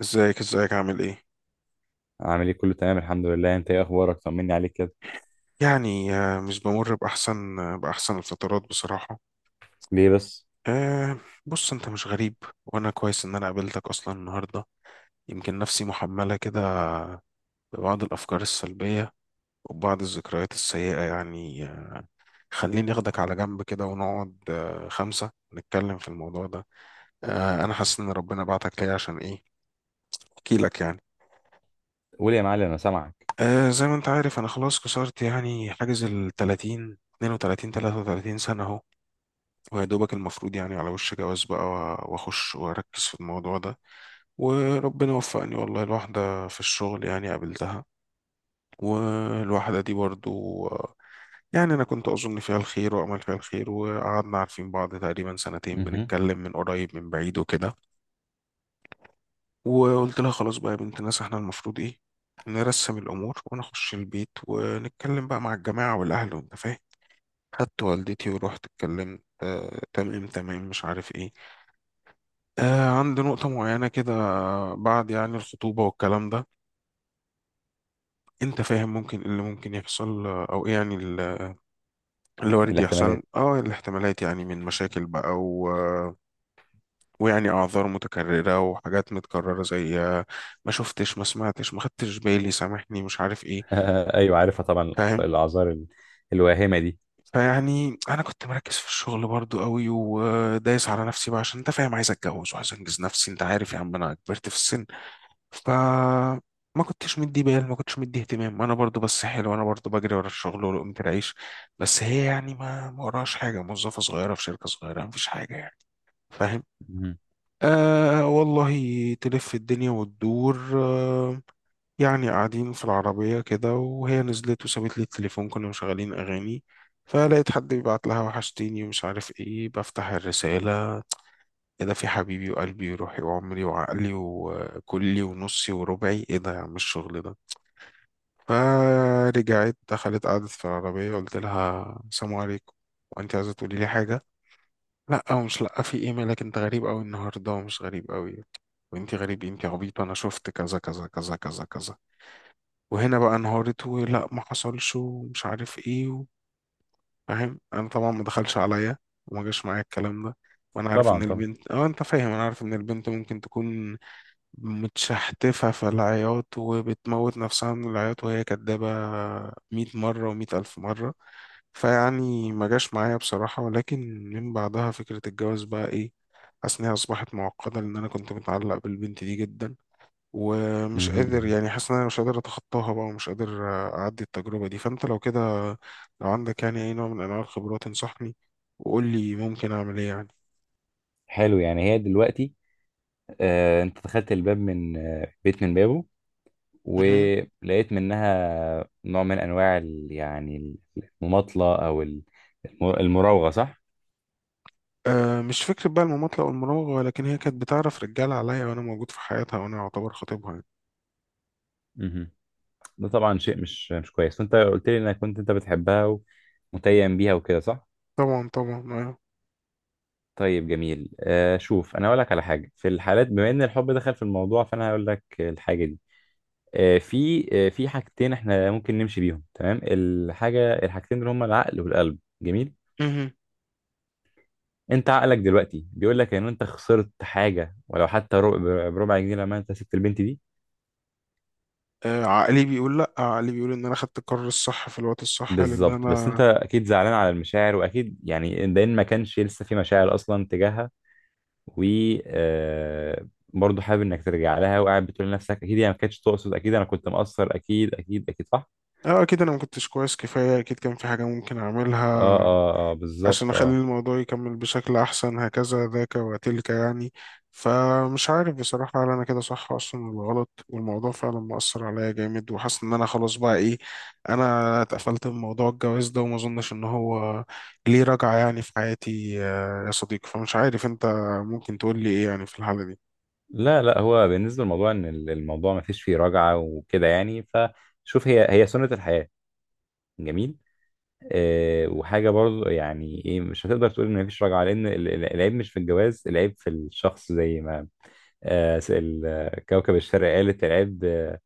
ازيك، ازيك، عامل ايه؟ عامل ايه، كله تمام الحمد لله. انت ايه اخبارك؟ طمني عليك كده. يعني مش بمر باحسن الفترات بصراحه. ليه بس؟ آه بص انت مش غريب، وانا كويس ان انا قابلتك اصلا النهارده. يمكن نفسي محمله كده ببعض الافكار السلبيه وبعض الذكريات السيئه يعني. خليني اخدك على جنب كده ونقعد خمسه نتكلم في الموضوع ده. انا حاسس ان ربنا بعتك ليا عشان ايه احكي لك يعني. قول يا معلم، انا سامعك. زي ما انت عارف، انا خلاص كسرت يعني حاجز ال 30 32 33 سنه، ويا دوبك المفروض يعني على وش جواز بقى واخش واركز في الموضوع ده. وربنا وفقني والله، الواحدة في الشغل يعني قابلتها، والواحدة دي برضو يعني انا كنت اظن فيها الخير وامل فيها الخير، وقعدنا عارفين بعض تقريبا سنتين، مهم. بنتكلم من قريب من بعيد وكده. وقلت لها: خلاص بقى يا بنت الناس، احنا المفروض ايه، نرسم الامور ونخش البيت ونتكلم بقى مع الجماعة والاهل، وانت فاهم. خدت والدتي ورحت اتكلمت، تمام تمام مش عارف ايه. عند نقطة معينة كده، بعد يعني الخطوبة والكلام ده، انت فاهم ممكن ايه اللي ممكن يحصل، او ايه يعني اللي وارد يحصل. الاحتمالات. اه الاحتمالات يعني من مشاكل بقى ويعني اعذار متكررة وحاجات متكررة، زي ما شفتش، ما سمعتش، ما خدتش بالي، سامحني، مش عارف ايه. ايوه، عارفها طبعا. فاهم. الاعذار الواهمه دي. فيعني انا كنت مركز في الشغل برضو قوي، ودايس على نفسي بقى، عشان انت فاهم عايز اتجوز وعايز انجز نفسي. انت عارف يا عم انا كبرت في السن. فما كنتش مدي بال، ما كنتش مدي اهتمام انا برضو، بس حلو، انا برضو بجري ورا الشغل ولقمة العيش. بس هي يعني ما وراش حاجه، موظفه صغيره في شركه صغيره، مفيش حاجه يعني. فاهم. مهم. والله تلف الدنيا وتدور. يعني قاعدين في العربية كده، وهي نزلت وسابت لي التليفون، كنا مشغلين أغاني، فلقيت حد بيبعت لها: وحشتيني ومش عارف ايه. بفتح الرسالة: ايه ده؟ في حبيبي وقلبي وروحي وعمري وعقلي وكلي ونصي وربعي، ايه ده يا عم الشغل ده؟ فرجعت دخلت قعدت في العربية، قلت لها: السلام عليكم، وانت عايزة تقولي لي حاجة؟ لا، ومش لا، في ايه، مالك انت غريب قوي النهاردة، ومش غريب قوي، وانت غريب إيه؟ انت عبيط، انا شفت كذا كذا كذا كذا كذا. وهنا بقى انهارت ولا ما حصلش ومش عارف ايه فاهم. انا طبعا ما دخلش عليا وما جاش معايا الكلام ده. وانا عارف ان طبعا طبعا. البنت، انت فاهم، انا عارف ان البنت ممكن تكون متشحتفة في العياط وبتموت نفسها من العياط، وهي كدابة مية مرة ومية ألف مرة. فيعني ما جاش معايا بصراحة، ولكن من بعدها فكرة الجواز بقى إيه، حاسس إنها أصبحت معقدة، لأن أنا كنت متعلق بالبنت دي جدا، ومش مهم، قادر مهم. يعني، حاسس إن أنا مش قادر أتخطاها بقى، ومش قادر أعدي التجربة دي. فأنت لو كده، لو عندك يعني أي نوع من أنواع الخبرات، انصحني وقول لي ممكن أعمل إيه حلو. يعني هي دلوقتي، انت دخلت الباب من بيت من بابه، يعني. ولقيت منها نوع من انواع يعني المماطله او المراوغه، صح؟ أه مش فكرة بقى المماطلة أو المراوغة، ولكن هي كانت بتعرف رجالة عليا وأنا موجود في حياتها وأنا أعتبر خطيبها يعني. مهم. ده طبعا شيء مش كويس. وانت قلت لي انك كنت انت بتحبها ومتيم بيها وكده، صح؟ طبعا طبعا. طيب جميل. شوف، انا اقول لك على حاجه. في الحالات بما ان الحب دخل في الموضوع، فانا هقول لك الحاجه دي. في حاجتين احنا ممكن نمشي بيهم، تمام. الحاجتين دول هما العقل والقلب، جميل. مهم. انت عقلك دلوقتي بيقول لك ان انت خسرت حاجه ولو حتى ربع بربع جنيه لما انت سبت البنت دي. عقلي بيقول لأ، عقلي بيقول إن أنا خدت القرار الصح في الوقت الصح، لأن بالظبط. بس انت أنا اكيد زعلان على المشاعر، واكيد يعني ده إن ما كانش لسه في مشاعر اصلا تجاهها. و آه، برضه حابب انك ترجع لها، وقاعد بتقول لنفسك اكيد هي ما كانتش تقصد، اكيد انا كنت مقصر، اكيد اكيد اكيد، صح؟ أكيد أنا ما كنتش كويس كفاية، أكيد كان في حاجة ممكن اه أعملها اه اه، عشان بالظبط أخلي اه. الموضوع يكمل بشكل أحسن، هكذا ذاك وتلك يعني. فمش عارف بصراحة، هل أنا كده صح أصلا ولا غلط؟ والموضوع فعلا مؤثر عليا جامد، وحاسس إن أنا خلاص بقى إيه، أنا اتقفلت من موضوع الجواز ده، وما أظنش إن هو ليه رجعة يعني في حياتي، يا صديقي. فمش عارف، أنت ممكن تقول لي إيه يعني في الحالة دي؟ لا، لا، هو بالنسبه للموضوع ان الموضوع ما فيش فيه رجعه وكده يعني. فشوف، هي سنه الحياه، جميل. وحاجه برضه، يعني ايه، مش هتقدر تقول ان ما فيش رجعه، لان العيب مش في الجواز، العيب في الشخص، زي ما كوكب الشرق قالت: العيب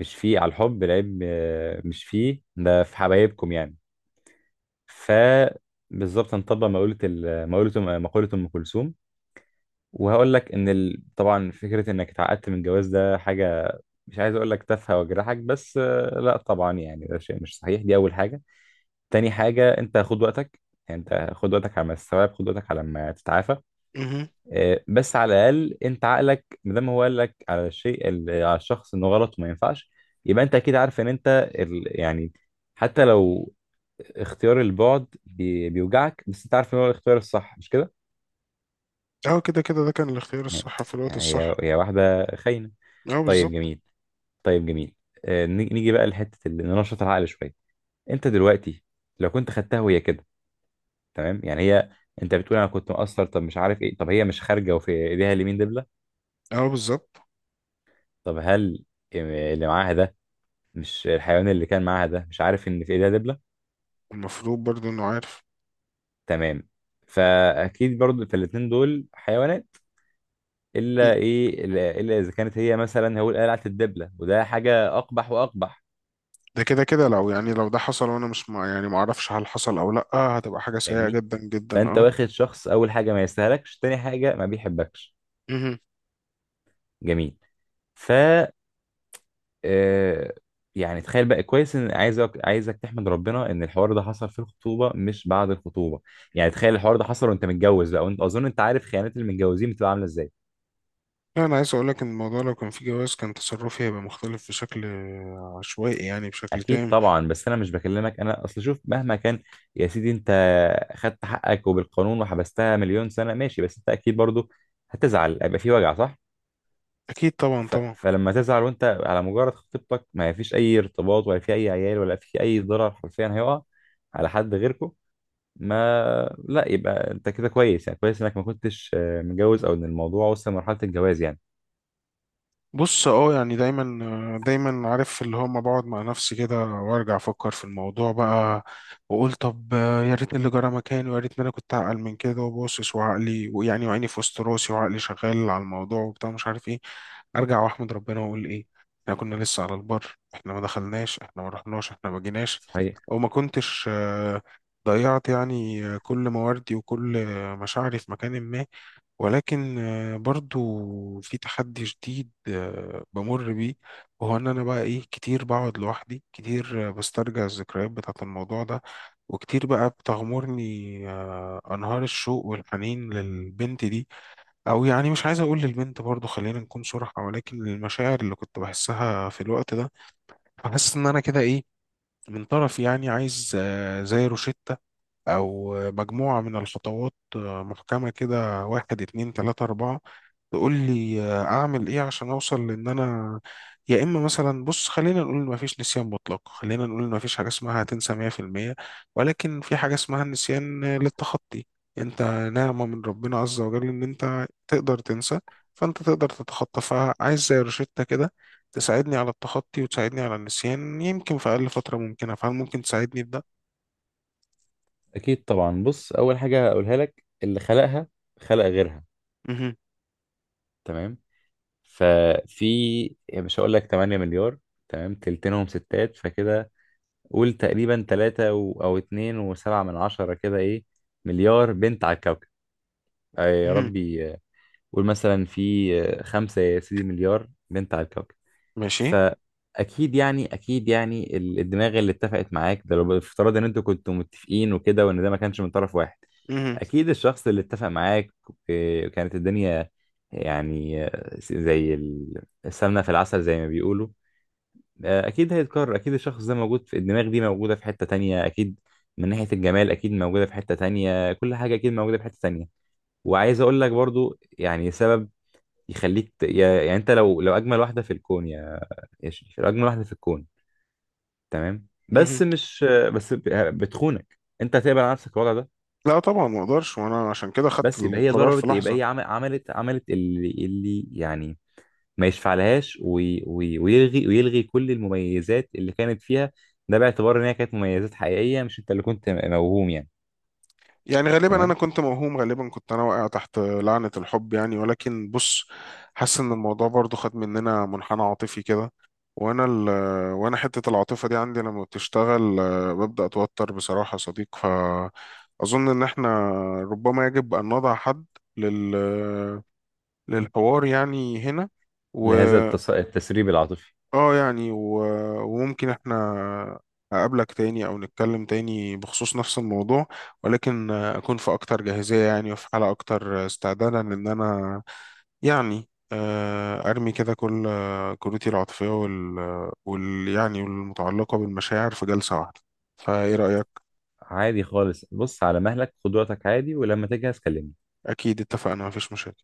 مش فيه على الحب، العيب مش فيه، ده في حبايبكم يعني. ف بالظبط، هنطبق مقولة ال- مقولة مقولة أم كلثوم. وهقول لك إن طبعا فكرة إنك اتعقدت من الجواز ده حاجة، مش عايز أقول لك تافهة وأجرحك، بس لا طبعا يعني ده شيء مش صحيح. دي أول حاجة. تاني حاجة، أنت خد وقتك. يعني أنت خد وقتك على ما تستوعب، خد وقتك على ما تتعافى. مهم. بس على الأقل أنت عقلك مادام هو قال لك على الشيء على الشخص إنه غلط وما ينفعش، يبقى أنت أكيد عارف إن أنت يعني، حتى لو اختيار البعد بيوجعك، بس انت عارف ان هو الاختيار الصح، مش كده؟ كده كده ده كان الاختيار يعني الصح في الوقت يعني الصح. هي واحده خاينه. طيب بالظبط جميل. طيب جميل. نيجي بقى لحته اللي ننشط العقل شويه. انت دلوقتي، لو كنت خدتها وهي كده، تمام، يعني هي، انت بتقول انا كنت مقصر، طب مش عارف ايه، طب هي مش خارجه وفي ايديها اليمين دبله؟ أه بالظبط. طب هل اللي معاها ده، مش الحيوان اللي كان معاها ده مش عارف ان في ايديها دبله؟ المفروض برضه إنه عارف. تمام. فاكيد برضو في الاتنين دول حيوانات. الا ايه، إلا اذا كانت هي مثلا هو قلعه الدبله، وده حاجه اقبح واقبح. ده كده كده، لو يعني لو ده حصل، وانا مش مع، يعني ما اعرفش هل حصل او لا، هتبقى حاجه سيئه فاهمني؟ جدا جدا فانت اه واخد شخص، اول حاجه ما يستاهلكش، تاني حاجه ما بيحبكش. مهم. جميل. ف آه، يعني تخيل بقى كويس، ان عايزك تحمد ربنا ان الحوار ده حصل في الخطوبه مش بعد الخطوبه. يعني تخيل الحوار ده حصل وانت متجوز بقى، وانت اظن انت عارف خيانات المتجوزين بتبقى عامله ازاي. لا، انا عايز اقول لك ان الموضوع لو كان فيه جواز كان تصرفي هيبقى مختلف بشكل عشوائي، يعني بشكل اكيد تام. طبعا. بس انا مش بكلمك، انا اصل شوف مهما كان يا سيدي، انت خدت حقك وبالقانون وحبستها مليون سنه، ماشي، بس انت اكيد برضو هتزعل، هيبقى في وجع، صح؟ اكيد طبعا طبعا. فلما تزعل وانت على مجرد خطيبتك، ما فيش اي ارتباط ولا في اي عيال ولا في اي ضرر حرفيا هيقع على حد غيركم. ما لا، يبقى انت كده كويس، يعني كويس انك ما كنتش متجوز او ان الموضوع وصل لمرحله الجواز يعني. بص يعني دايما عارف اللي هو، ما بقعد مع نفسي كده وارجع افكر في الموضوع بقى، واقول طب يا ريتني اللي جرى مكاني، ويا ريتني انا كنت اعقل من كده، وباصص وعقلي، ويعني وعيني في وسط راسي وعقلي شغال على الموضوع وبتاع مش عارف ايه. ارجع واحمد ربنا واقول ايه، احنا كنا لسه على البر، احنا ما دخلناش، احنا ما رحناش، احنا ما جيناش، صحيح. وما كنتش ضيعت يعني كل مواردي وكل مشاعري في مكان ما. ولكن برضو في تحدي جديد بمر بيه، وهو ان انا بقى ايه، كتير بقعد لوحدي، كتير بسترجع الذكريات بتاعة الموضوع ده، وكتير بقى بتغمرني انهار الشوق والحنين للبنت دي، او يعني مش عايز اقول للبنت برضو، خلينا نكون صراحة، ولكن للمشاعر اللي كنت بحسها في الوقت ده. فحاسس ان انا كده ايه، من طرف يعني عايز زي روشتة، او مجموعة من الخطوات محكمة كده، واحد اتنين تلاتة اربعة، تقول لي اعمل ايه عشان اوصل، لان انا يا اما مثلا، بص خلينا نقول ما فيش نسيان مطلق، خلينا نقول ما فيش حاجه اسمها هتنسى 100%، ولكن في حاجه اسمها النسيان للتخطي. انت نعمه من ربنا عز وجل ان انت تقدر تنسى، فانت تقدر تتخطى. فعايز زي روشتة كده تساعدني على التخطي، وتساعدني على النسيان، يمكن في اقل فتره ممكنه. فهل ممكن تساعدني بده؟ اكيد طبعا. بص، اول حاجه اقولها لك: اللي خلقها خلق غيرها. مهم. تمام. ففي، يعني مش هقول لك 8 مليار، تمام، تلتينهم ستات فكده، قول تقريبا 3 او 2 و7 من عشرة كده، ايه، مليار بنت على الكوكب. يا مهم. ربي، قول مثلا في خمسة يا سيدي مليار بنت على الكوكب. ماشي. فأكيد يعني أكيد يعني الدماغ اللي اتفقت معاك ده، لو بافتراض إن أنتوا كنتوا متفقين وكده، وإن ده ما كانش من طرف واحد، مهم. اكيد الشخص اللي اتفق معاك، إيه، كانت الدنيا يعني زي السمنه في العسل، زي ما بيقولوا. اكيد هيتكرر، اكيد الشخص ده موجود، في الدماغ دي موجوده في حته تانية اكيد، من ناحيه الجمال اكيد موجوده في حته تانية، كل حاجه اكيد موجوده في حته تانية. وعايز اقول لك برضو يعني سبب يخليك يعني، انت لو اجمل واحده في الكون، يا شريف، لو اجمل واحده في الكون، تمام، بس مهم. مش بس بتخونك، انت هتقبل على نفسك الوضع ده؟ لا طبعا ما اقدرش، وانا عشان كده خدت بس يبقى هي القرار في ضربت، يبقى لحظه. هي عملت عملت اللي يعني ما يشفعلهاش، ويلغي كل المميزات اللي كانت فيها. ده باعتبار ان هي كانت مميزات حقيقية، مش انت اللي كنت موهوم يعني. يعني غالبا انا تمام. كنت موهوم، غالبا كنت انا واقع تحت لعنة الحب يعني، ولكن بص، حاسس ان الموضوع برضو خد مننا منحنى عاطفي كده. وانا ال وانا حتة العاطفة دي عندي لما بتشتغل ببدأ اتوتر بصراحة يا صديق. فاظن ان احنا ربما يجب ان نضع حد لل للحوار يعني هنا. لهذا التسريب العاطفي. اه يعني وممكن احنا اقابلك تاني، او نتكلم تاني بخصوص نفس الموضوع، ولكن اكون في اكتر جاهزية يعني، وفي حالة اكتر استعدادا ان انا يعني ارمي كده كل كروتي العاطفية والمتعلقة بالمشاعر في جلسة واحدة. فايه رأيك؟ عادي خالص. بص، على مهلك، خد وقتك عادي، ولما تجهز كلمني. اكيد اتفقنا، مفيش مشاكل.